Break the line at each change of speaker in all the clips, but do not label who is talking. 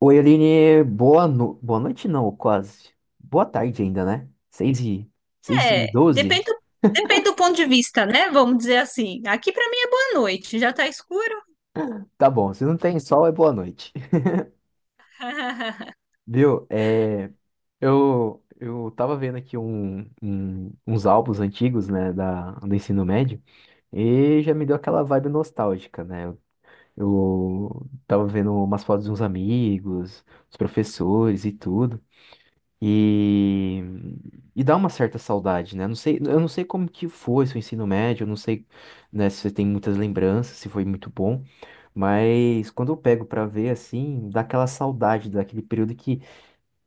Oi, Aline, boa noite não, quase. Boa tarde ainda, né? 6 e
É,
doze.
depende do ponto de vista, né? Vamos dizer assim. Aqui pra mim é boa noite, já tá escuro.
Tá bom, se não tem sol é boa noite. Viu? Eu tava vendo aqui uns álbuns antigos, né, do ensino médio, e já me deu aquela vibe nostálgica, né? Eu tava vendo umas fotos de uns amigos, os professores e tudo. E, e dá uma certa saudade, né? Não sei, eu não sei como que foi seu ensino médio, eu não sei, né, se você tem muitas lembranças, se foi muito bom, mas quando eu pego pra ver assim, dá aquela saudade daquele período que,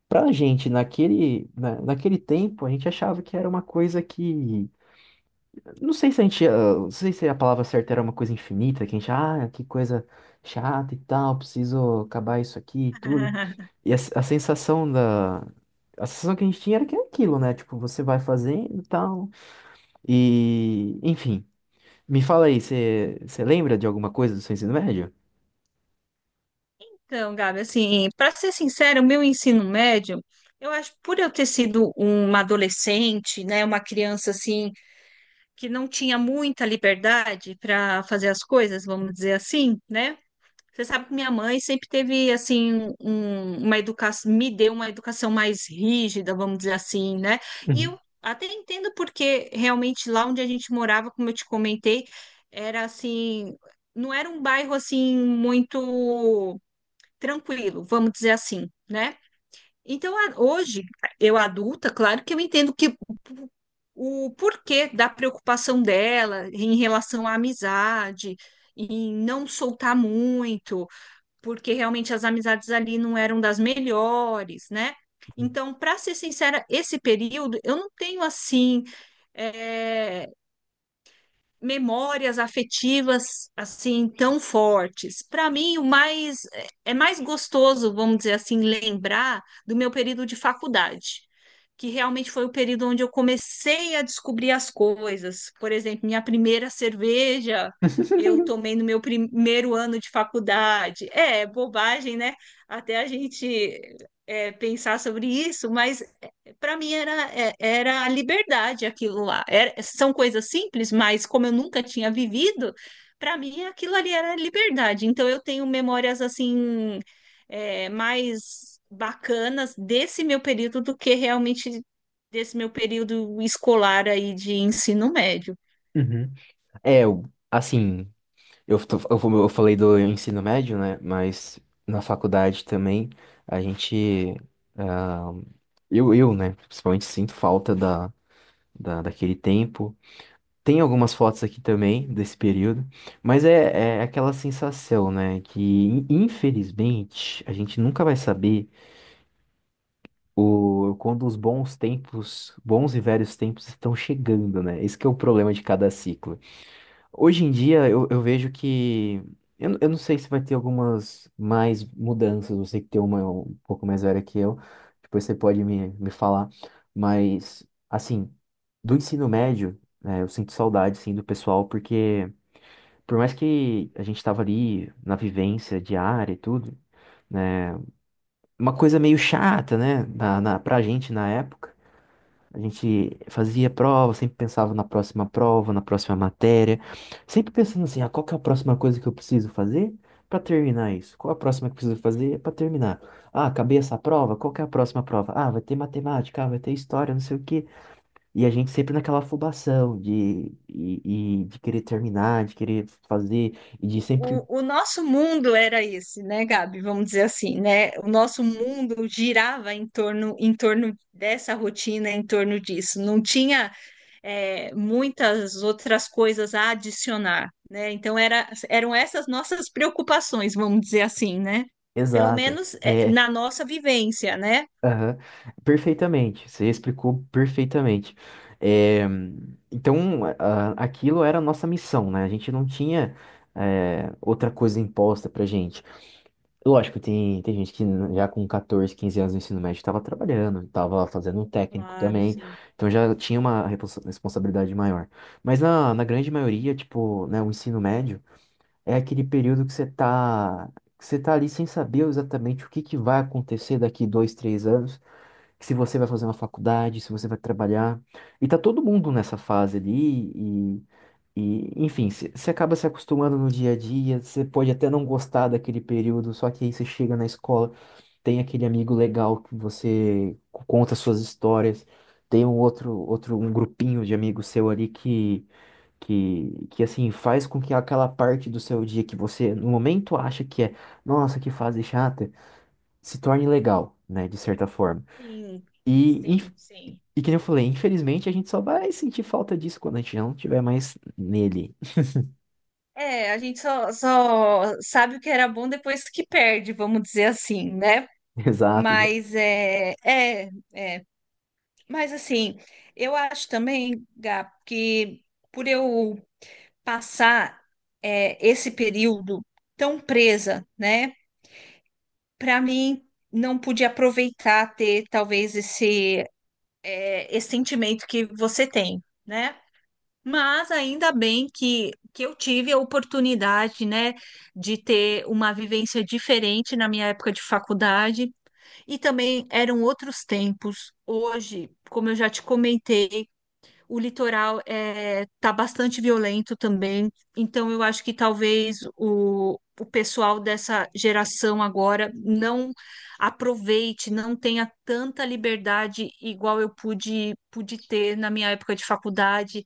pra gente naquele tempo, a gente achava que era uma coisa que, não sei se a gente, não sei se a palavra certa era uma coisa infinita, que a gente, que coisa chata e tal, preciso acabar isso aqui e tudo. E a sensação da. A sensação que a gente tinha era que é aquilo, né? Tipo, você vai fazendo e tal. Enfim. Me fala aí, você lembra de alguma coisa do seu ensino médio?
Então, Gabi, assim, para ser sincero, o meu ensino médio, eu acho, por eu ter sido uma adolescente, né, uma criança assim, que não tinha muita liberdade para fazer as coisas, vamos dizer assim, né? Você sabe que minha mãe sempre teve assim uma educação, me deu uma educação mais rígida, vamos dizer assim, né? E eu
Uhum.
até entendo porque realmente lá onde a gente morava, como eu te comentei, era assim, não era um bairro assim muito tranquilo, vamos dizer assim, né? Então hoje, eu adulta, claro que eu entendo que o porquê da preocupação dela em relação à amizade, em não soltar muito porque realmente as amizades ali não eram das melhores, né? Então, para ser sincera, esse período eu não tenho assim eh, memórias afetivas assim tão fortes. Para mim, o mais é mais gostoso, vamos dizer assim, lembrar do meu período de faculdade, que realmente foi o período onde eu comecei a descobrir as coisas. Por exemplo, minha primeira cerveja eu tomei no meu primeiro ano de faculdade. É, bobagem, né? Até a gente pensar sobre isso, mas para mim era, era a liberdade aquilo lá. São coisas simples, mas como eu nunca tinha vivido, para mim aquilo ali era a liberdade. Então eu tenho memórias assim mais bacanas desse meu período do que realmente desse meu período escolar aí de ensino médio.
Uhum. É, assim. Eu, tô- eu, fa- eu falei do ensino médio, né? Mas na faculdade também a gente. ah, eu, né? Principalmente sinto falta daquele tempo. Tem algumas fotos aqui também desse período, mas é aquela sensação, né? Que infelizmente a gente nunca vai saber quando os bons tempos, bons e velhos tempos estão chegando, né? Esse que é o problema de cada ciclo. Hoje em dia eu vejo que. Eu não sei se vai ter algumas mais mudanças, você que tem uma um pouco mais velha que eu, depois você pode me falar, mas assim, do ensino médio, né, eu sinto saudade sim do pessoal, porque por mais que a gente tava ali na vivência diária e tudo, né? Uma coisa meio chata, né? Pra gente na época. A gente fazia prova, sempre pensava na próxima prova, na próxima matéria. Sempre pensando assim, ah, qual que é a próxima coisa que eu preciso fazer pra terminar isso? Qual a próxima que eu preciso fazer pra terminar? Ah, acabei essa prova, qual que é a próxima prova? Ah, vai ter matemática, ah, vai ter história, não sei o quê. E a gente sempre naquela afobação de, e de querer terminar, de querer fazer, e de sempre.
O nosso mundo era esse, né, Gabi? Vamos dizer assim, né? O nosso mundo girava em torno dessa rotina, em torno disso. Não tinha, muitas outras coisas a adicionar, né? Então era, eram essas nossas preocupações, vamos dizer assim, né? Pelo
Exato.
menos é,
É,
na nossa vivência, né?
aham. Perfeitamente. Você explicou perfeitamente. É, então, aquilo era a nossa missão, né? A gente não tinha, outra coisa imposta pra gente. Lógico, tem gente que já com 14, 15 anos no ensino médio estava trabalhando, estava fazendo um técnico
Claro,
também,
sim.
então já tinha uma responsabilidade maior. Mas na grande maioria, tipo, né, o ensino médio. É aquele período que você tá ali sem saber exatamente o que que vai acontecer daqui 2, 3 anos, se você vai fazer uma faculdade, se você vai trabalhar. E tá todo mundo nessa fase ali e, e enfim, você acaba se acostumando no dia a dia, você pode até não gostar daquele período, só que aí você chega na escola, tem aquele amigo legal que você conta suas histórias, tem um outro, um grupinho de amigos seu ali que assim faz com que aquela parte do seu dia que você no momento acha que é, nossa, que fase chata, se torne legal, né, de certa forma.
Sim,
E, inf-
sim, sim.
e, que nem eu falei, infelizmente a gente só vai sentir falta disso quando a gente não tiver mais nele.
É, a gente só, só sabe o que era bom depois que perde, vamos dizer assim, né?
Exato, exato.
Mas é, é, é. Mas assim, eu acho também, Gá, que por eu passar esse período tão presa, né? Para mim, não pude aproveitar ter talvez esse, esse sentimento que você tem, né? Mas ainda bem que eu tive a oportunidade, né, de ter uma vivência diferente na minha época de faculdade. E também eram outros tempos. Hoje, como eu já te comentei, o litoral é, tá bastante violento também. Então, eu acho que talvez o pessoal dessa geração agora não aproveite, não tenha tanta liberdade igual eu pude, pude ter na minha época de faculdade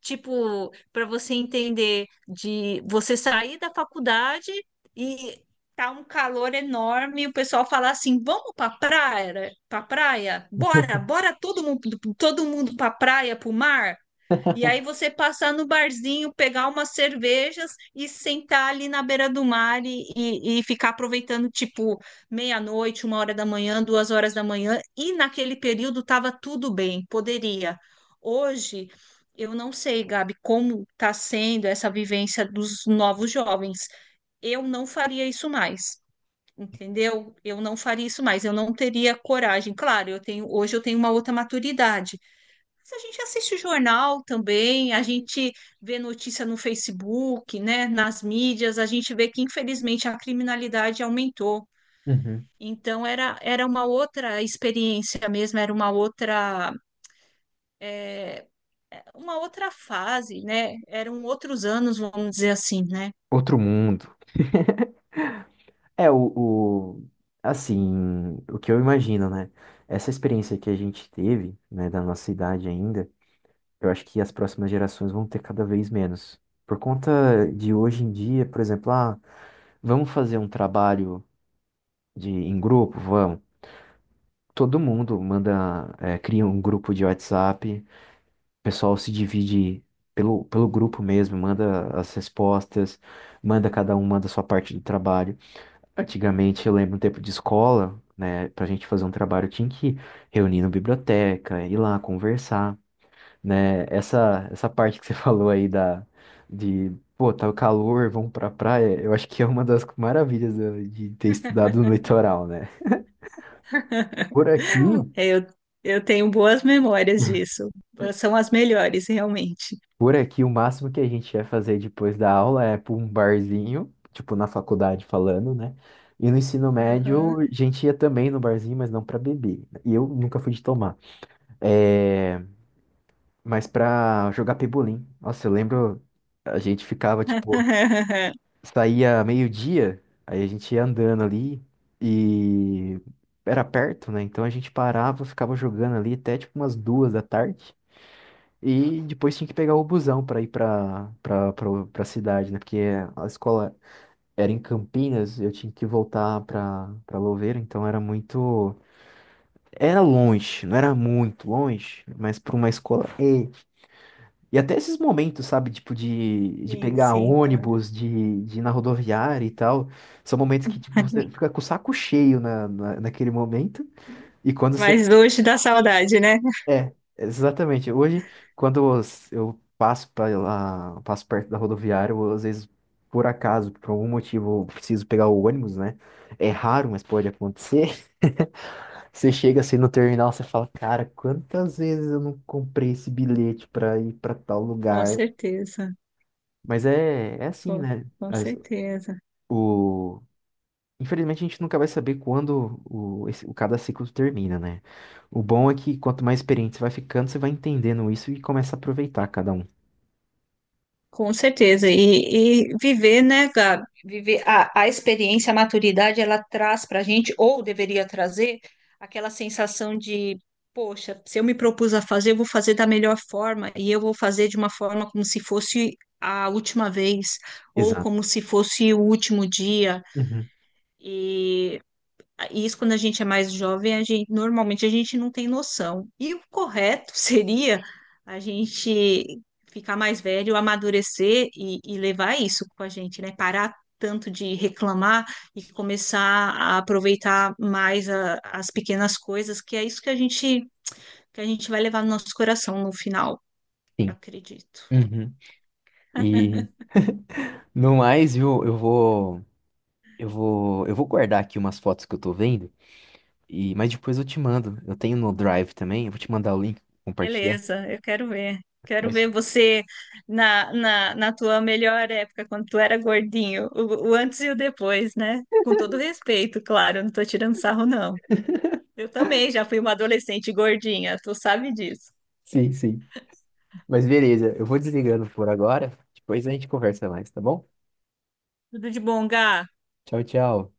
tipo, para você entender de você sair da faculdade e tá um calor enorme, e o pessoal fala assim: "Vamos para praia, para praia? Bora, bora todo mundo para praia, para o mar?" E aí você passar no barzinho, pegar umas cervejas e sentar ali na beira do mar e ficar aproveitando, tipo, meia-noite, uma hora da manhã, duas horas da manhã. E naquele período estava tudo bem, poderia. Hoje, eu não sei, Gabi, como está sendo essa vivência dos novos jovens. Eu não faria isso mais, entendeu? Eu não faria isso mais, eu não teria coragem. Claro, eu tenho, hoje eu tenho uma outra maturidade, mas a gente assiste jornal também, a gente vê notícia no Facebook, né, nas mídias, a gente vê que infelizmente a criminalidade aumentou.
Uhum.
Então era, era uma outra experiência mesmo, era uma outra é, uma outra fase, né? Eram outros anos, vamos dizer assim, né?
Outro mundo. É, assim, o que eu imagino, né? Essa experiência que a gente teve, né, da nossa idade ainda. Eu acho que as próximas gerações vão ter cada vez menos. Por conta de hoje em dia, por exemplo, ah, vamos fazer um trabalho em grupo? Vamos. Todo mundo manda, cria um grupo de WhatsApp, o pessoal se divide pelo grupo mesmo, manda as respostas, manda cada um, manda a sua parte do trabalho. Antigamente, eu lembro um tempo de escola, né, pra gente fazer um trabalho tinha que reunir na biblioteca, ir lá conversar. Né? Essa parte que você falou aí de, pô, tá o calor, vamos pra praia, eu acho que é uma das maravilhas de ter estudado no litoral, né? Por aqui,
Eu, eu tenho boas memórias disso. São as melhores, realmente.
por aqui, o máximo que a gente vai fazer depois da aula é pra um barzinho, tipo na faculdade falando, né? E no ensino
Aham.
médio, a gente ia também no barzinho, mas não pra beber. E eu nunca fui de tomar. É, mas pra jogar pebolim. Nossa, eu lembro, a gente ficava, tipo, saía meio-dia, aí a gente ia andando ali e era perto, né? Então a gente parava, ficava jogando ali até tipo umas 2 da tarde. E depois tinha que pegar o busão para ir para cidade, né? Porque a escola era em Campinas, eu tinha que voltar para Louveira, então era longe, não era muito longe, mas para uma escola e até esses momentos, sabe, tipo, de
Sim,
pegar
sim, claro.
ônibus, de ir na rodoviária e tal, são momentos que, tipo, você fica com o saco cheio naquele momento. E quando você.
Mas hoje dá saudade, né?
É, exatamente. Hoje, quando eu passo pra lá, passo perto da rodoviária, eu, às vezes, por acaso, por algum motivo, eu preciso pegar o ônibus, né? É raro, mas pode acontecer. Você chega assim no terminal, você fala, cara, quantas vezes eu não comprei esse bilhete pra ir pra tal
Com
lugar?
certeza,
Mas é assim,
com,
né?
com certeza,
O... Infelizmente a gente nunca vai saber quando o, esse- o cada ciclo termina, né? O bom é que quanto mais experiente você vai ficando, você vai entendendo isso e começa a aproveitar cada um.
com certeza. E viver, né, Gabi? Viver a experiência, a maturidade, ela traz para a gente, ou deveria trazer, aquela sensação de, poxa, se eu me propus a fazer, eu vou fazer da melhor forma, e eu vou fazer de uma forma como se fosse a última vez, ou
Exato.
como se fosse o último dia.
Uhum.
E Isso quando a gente é mais jovem, a gente, normalmente a gente não tem noção. E o correto seria a gente ficar mais velho, amadurecer e levar isso com a gente, né? Parar tanto de reclamar e começar a aproveitar mais as pequenas coisas, que é isso que a gente vai levar no nosso coração no final, eu
Sim.
acredito.
Uhum. E no mais, viu, eu vou guardar aqui umas fotos que eu tô vendo, mas depois eu te mando. Eu tenho no Drive também, eu vou te mandar o link, compartilhar.
Beleza, eu quero ver. Quero ver
Mas-
você na tua melhor época, quando tu era gordinho, o antes e o depois, né? Com todo respeito, claro, não tô tirando sarro, não. Eu também já fui uma adolescente gordinha, tu sabe disso.
Sim, sim. Mas beleza, eu vou desligando por agora, depois a gente conversa mais, tá bom?
Tudo de bom, Gá?
Tchau, tchau.